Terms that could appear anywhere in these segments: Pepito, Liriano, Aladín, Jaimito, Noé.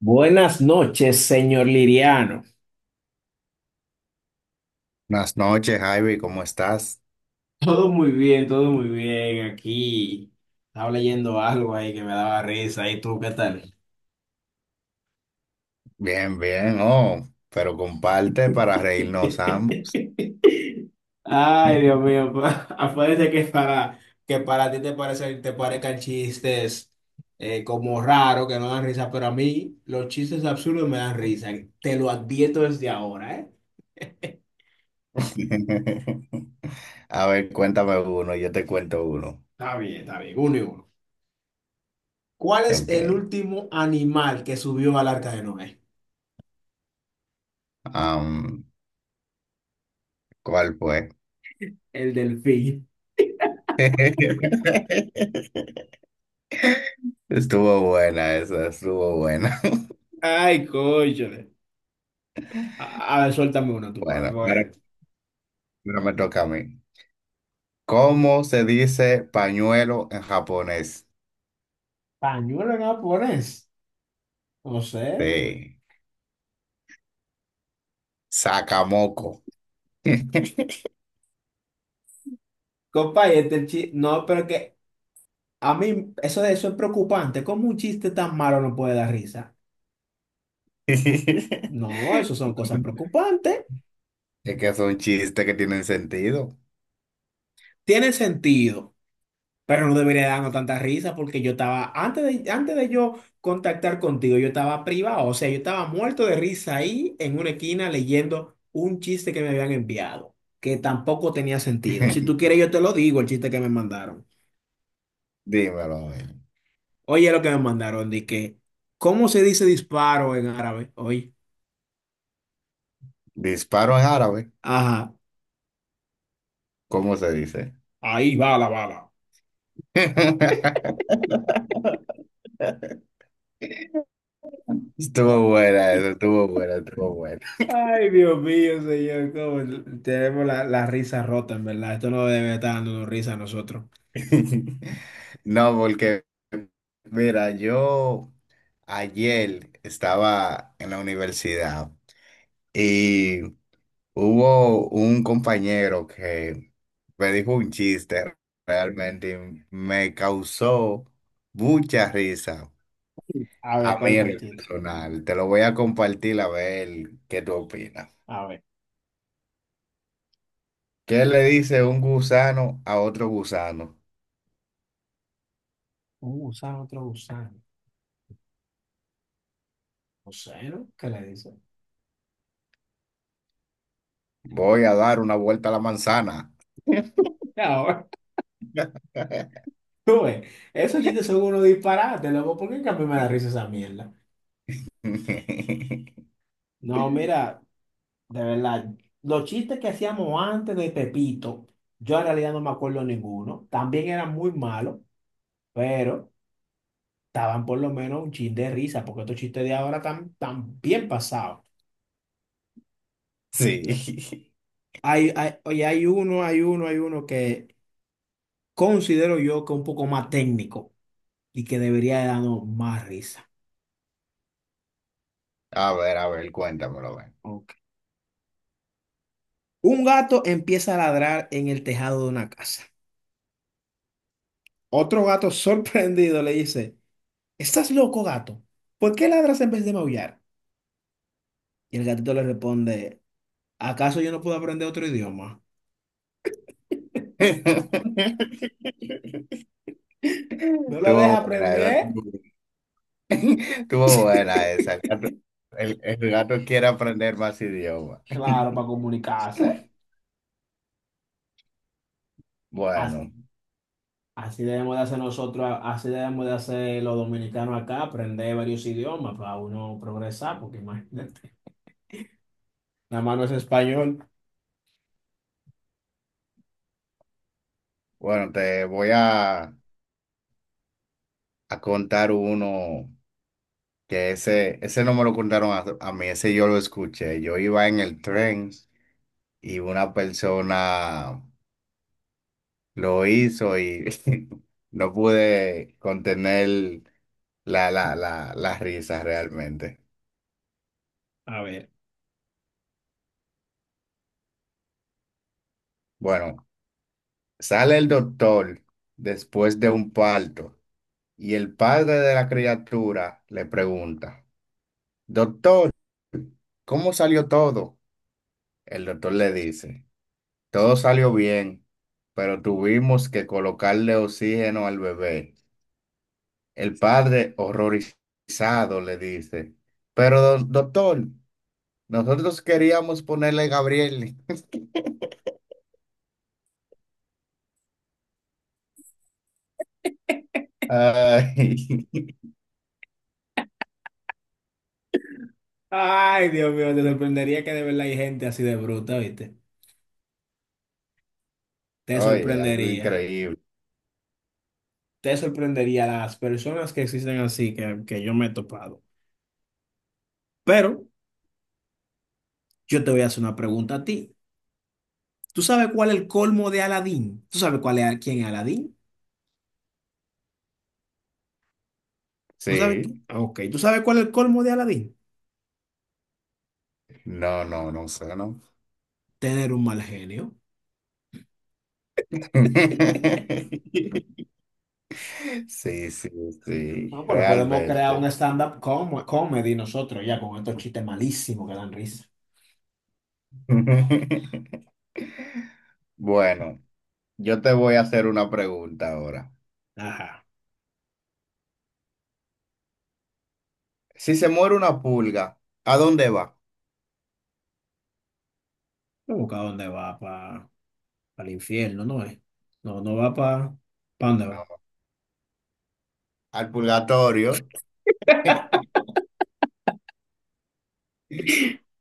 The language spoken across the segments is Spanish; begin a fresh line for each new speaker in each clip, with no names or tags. Buenas noches, señor Liriano.
Buenas noches, Ivy, ¿cómo estás?
Todo muy bien, todo muy bien. Aquí estaba leyendo algo ahí que me daba risa. ¿Y tú qué tal?
Bien, bien, pero comparte para reírnos ambos.
Ay, Dios mío, pa- acuérdate que para ti te parezcan chistes como raros, que no dan risa, pero a mí los chistes absurdos me dan risa. Te lo advierto desde ahora, ¿eh?
A ver, cuéntame uno, yo te cuento uno.
Está bien, uno y uno. ¿Cuál es el
Ok.
último animal que subió al arca de Noé?
am, ¿cuál fue?
El delfín.
Estuvo buena esa, estuvo buena.
Ay, cóchale. A, a ver, suéltame uno, tú, pa.
Bueno, ahora,
Bueno.
ahora me toca a mí. ¿Cómo se dice pañuelo en japonés?
Pañuelo en japonés. No sé.
Sí, sakamoko.
Compa, y este chiste. No, pero que a mí eso es preocupante. ¿Cómo un chiste tan malo no puede dar risa? No, eso son cosas preocupantes.
Es que es un chiste que tiene sentido.
Tiene sentido. Pero no debería darnos tanta risa porque yo estaba, antes de yo contactar contigo, yo estaba privado, o sea, yo estaba muerto de risa ahí en una esquina leyendo un chiste que me habían enviado, que tampoco tenía sentido. Si tú quieres, yo te lo digo, el chiste que me mandaron.
Dímelo, a ver.
Oye, lo que me mandaron, ¿cómo se dice disparo en árabe? Hoy,
Disparo en árabe,
ajá,
¿cómo se dice?
ahí va la bala.
Estuvo buena, eso, estuvo buena, estuvo buena.
Ay, Dios mío, señor, cómo tenemos la risa rota, en verdad. Esto no debe estar dándonos risa a nosotros.
No, porque, mira, yo ayer estaba en la universidad y hubo un compañero que me dijo un chiste realmente y me causó mucha risa.
A
A
ver,
mí
¿cuál fue
en
el
lo
chiste?
personal, te lo voy a compartir a ver qué tú opinas.
A ver,
¿Qué le dice un gusano a otro gusano?
un gusano, otro gusano. No sé, ¿no? ¿Qué le dice?
Voy a dar una vuelta a la manzana.
Ahora, tú ves, esos chistes son unos disparates, loco. ¿Por qué que a mí me da risa esa mierda? No, mira, de verdad, los chistes que hacíamos antes de Pepito, yo en realidad no me acuerdo ninguno. También eran muy malos, pero estaban por lo menos un chin de risa, porque estos chistes de ahora están, están bien pasados.
Sí.
Oye, hay uno que considero yo que es un poco más técnico y que debería de darnos más risa.
A ver, cuéntamelo, a ver.
Ok. Un gato empieza a ladrar en el tejado de una casa. Otro gato sorprendido le dice, ¿estás loco, gato? ¿Por qué ladras en vez de maullar? Y el gatito le responde, ¿acaso yo no puedo aprender otro idioma? ¿No lo deja
Estuvo buena esa.
aprender?
Estuvo buena esa. El gato, el gato quiere aprender más idiomas.
Claro, para comunicarse. As-
Bueno,
Así debemos de hacer nosotros, así debemos de hacer los dominicanos acá, aprender varios idiomas para uno progresar, porque imagínate, nada más no es español.
bueno, te voy a contar uno. Que ese no me lo contaron a mí, ese yo lo escuché. Yo iba en el tren y una persona lo hizo y no pude contener la risa realmente.
A ver.
Bueno, sale el doctor después de un parto y el padre de la criatura le pregunta, doctor, ¿cómo salió todo? El doctor le dice. Todo salió bien, pero tuvimos que colocarle oxígeno al bebé. El padre, horrorizado, le dice, pero doctor, nosotros queríamos ponerle Gabriel. Ay,
Ay, Dios mío, te sorprendería que de verdad hay gente así de bruta, ¿viste? Te
oye, algo
sorprendería.
increíble.
Te sorprendería las personas que existen así que yo me he topado. Pero yo te voy a hacer una pregunta a ti. ¿Tú sabes cuál es el colmo de Aladín? ¿Tú sabes cuál es, quién es Aladín? ¿No sabes quién?
Sí,
Ok, ¿tú sabes cuál es el colmo de Aladín?
no, no, no sé, ¿no?
Tener un mal genio.
Sí, sí, sí,
No, pero podemos crear un
realmente.
comedy nosotros ya con estos chistes malísimos que dan risa.
Bueno, yo te voy a hacer una pregunta ahora.
Ajá.
Si se muere una pulga, ¿a dónde va?
Busca dónde va, pa. Al infierno, no es. No, no va para... ¿Para dónde va?
No, al purgatorio.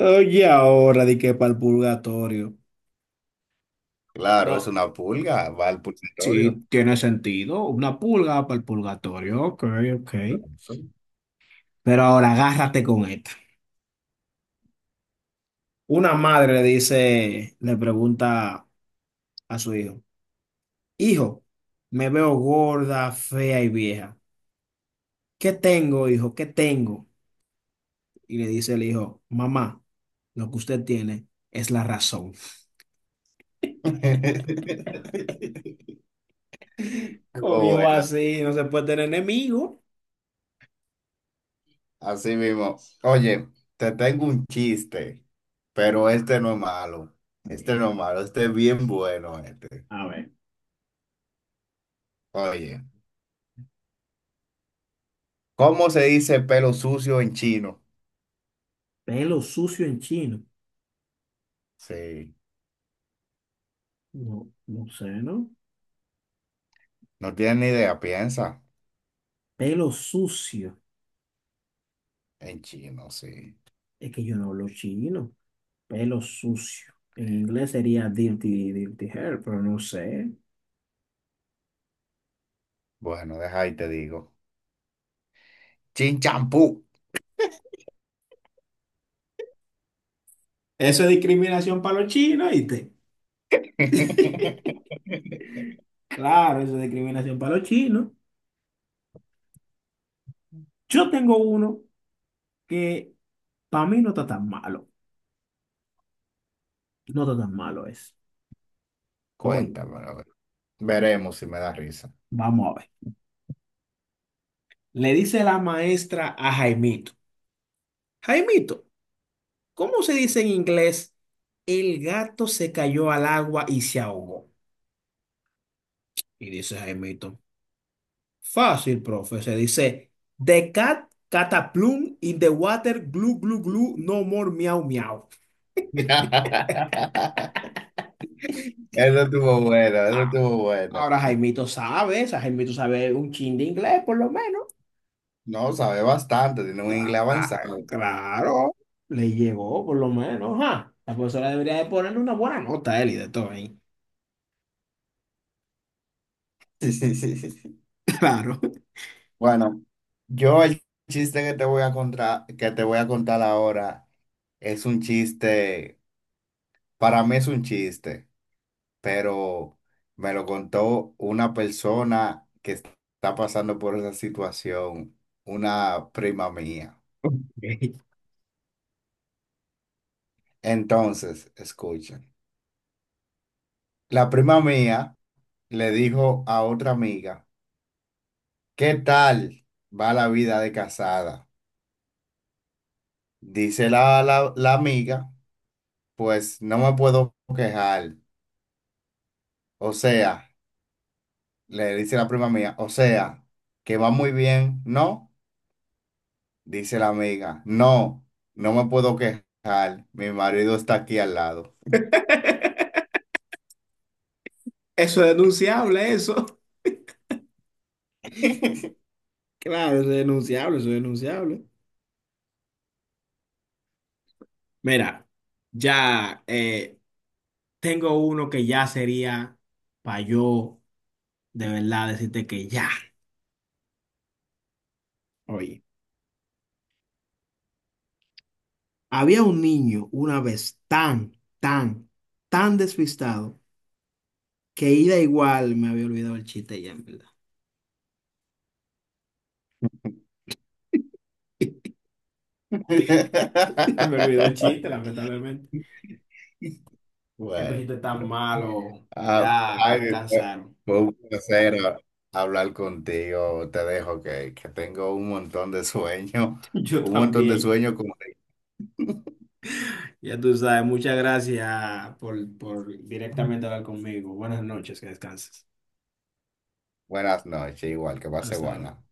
Oye, ahora di que para el purgatorio.
Claro, es
No,
una pulga, va al purgatorio.
sí, tiene sentido. Una pulga para el purgatorio. Ok, ok.
Claro.
Pero ahora agárrate con esta. Una madre le dice, le pregunta a su hijo, hijo, me veo gorda, fea y vieja. ¿Qué tengo, hijo? ¿Qué tengo? Y le dice el hijo, mamá, lo que usted tiene es la razón. Con
Estuvo
hijo
buena,
así no se puede tener enemigo.
así mismo. Oye, te tengo un chiste, pero este no es malo. Este no es malo, este es bien bueno este.
A ver,
Oye, ¿cómo se dice pelo sucio en chino?
pelo sucio en chino.
Sí,
No, no sé, ¿no?
no tienes ni idea, piensa
Pelo sucio.
en chino, sí.
Es que yo no hablo chino. Pelo sucio. En inglés sería dirty, dirty hair, pero no sé.
Bueno, deja y te digo. Chin champú.
Eso es discriminación para los chinos, ¿viste? Claro, eso es discriminación para los chinos. Yo tengo uno que para mí no está tan malo. No está tan malo es. Hoy,
Cuéntamelo. Veremos si me da risa.
vamos a ver. Le dice la maestra a Jaimito. Jaimito, ¿cómo se dice en inglés? El gato se cayó al agua y se ahogó. Y dice Jaimito, fácil, profe. Se dice, the cat cataplum in the water, glu, glu, glu, no more miau, miau.
Eso estuvo bueno, eso
Ah,
estuvo bueno.
ahora Jaimito sabe, o sea, Jaimito sabe un chin de inglés, por lo menos.
No, sabe bastante, tiene un
Cla-
inglés
ah,
avanzado.
Claro, le llegó, por lo menos. Ajá. La profesora debería de ponerle una buena nota a él y de todo ahí.
Sí, sí, sí, sí, sí.
Claro.
Bueno, yo el chiste que te voy a contar, que te voy a contar ahora es un chiste, para mí es un chiste, pero me lo contó una persona que está pasando por esa situación, una prima mía.
Ok.
Entonces, escuchen. La prima mía le dijo a otra amiga, ¿qué tal va la vida de casada? Dice la amiga, pues no me puedo quejar. O sea, le dice la prima mía, o sea, que va muy bien, ¿no? Dice la amiga, no, no me puedo quejar. Mi marido está aquí al lado.
Eso es denunciable, eso. Claro, eso es denunciable, eso es denunciable. Mira, ya eh, tengo uno que ya sería para yo de verdad decirte que ya. Oye, había un niño una vez tan despistado que ida igual me había olvidado el chiste ya, en verdad. Se me olvidó el chiste, lamentablemente. Que estos
Bueno.
chistes tan malos,
Ah,
ya
ay,
me
fue,
cansaron.
fue un placer hablar contigo. Te dejo que tengo un montón de sueño,
Yo
un montón de
también.
sueño. Como...
Ya tú sabes, muchas gracias por directamente hablar conmigo. Buenas noches, que descanses.
Buenas noches, igual que pase
Hasta
buena.
luego.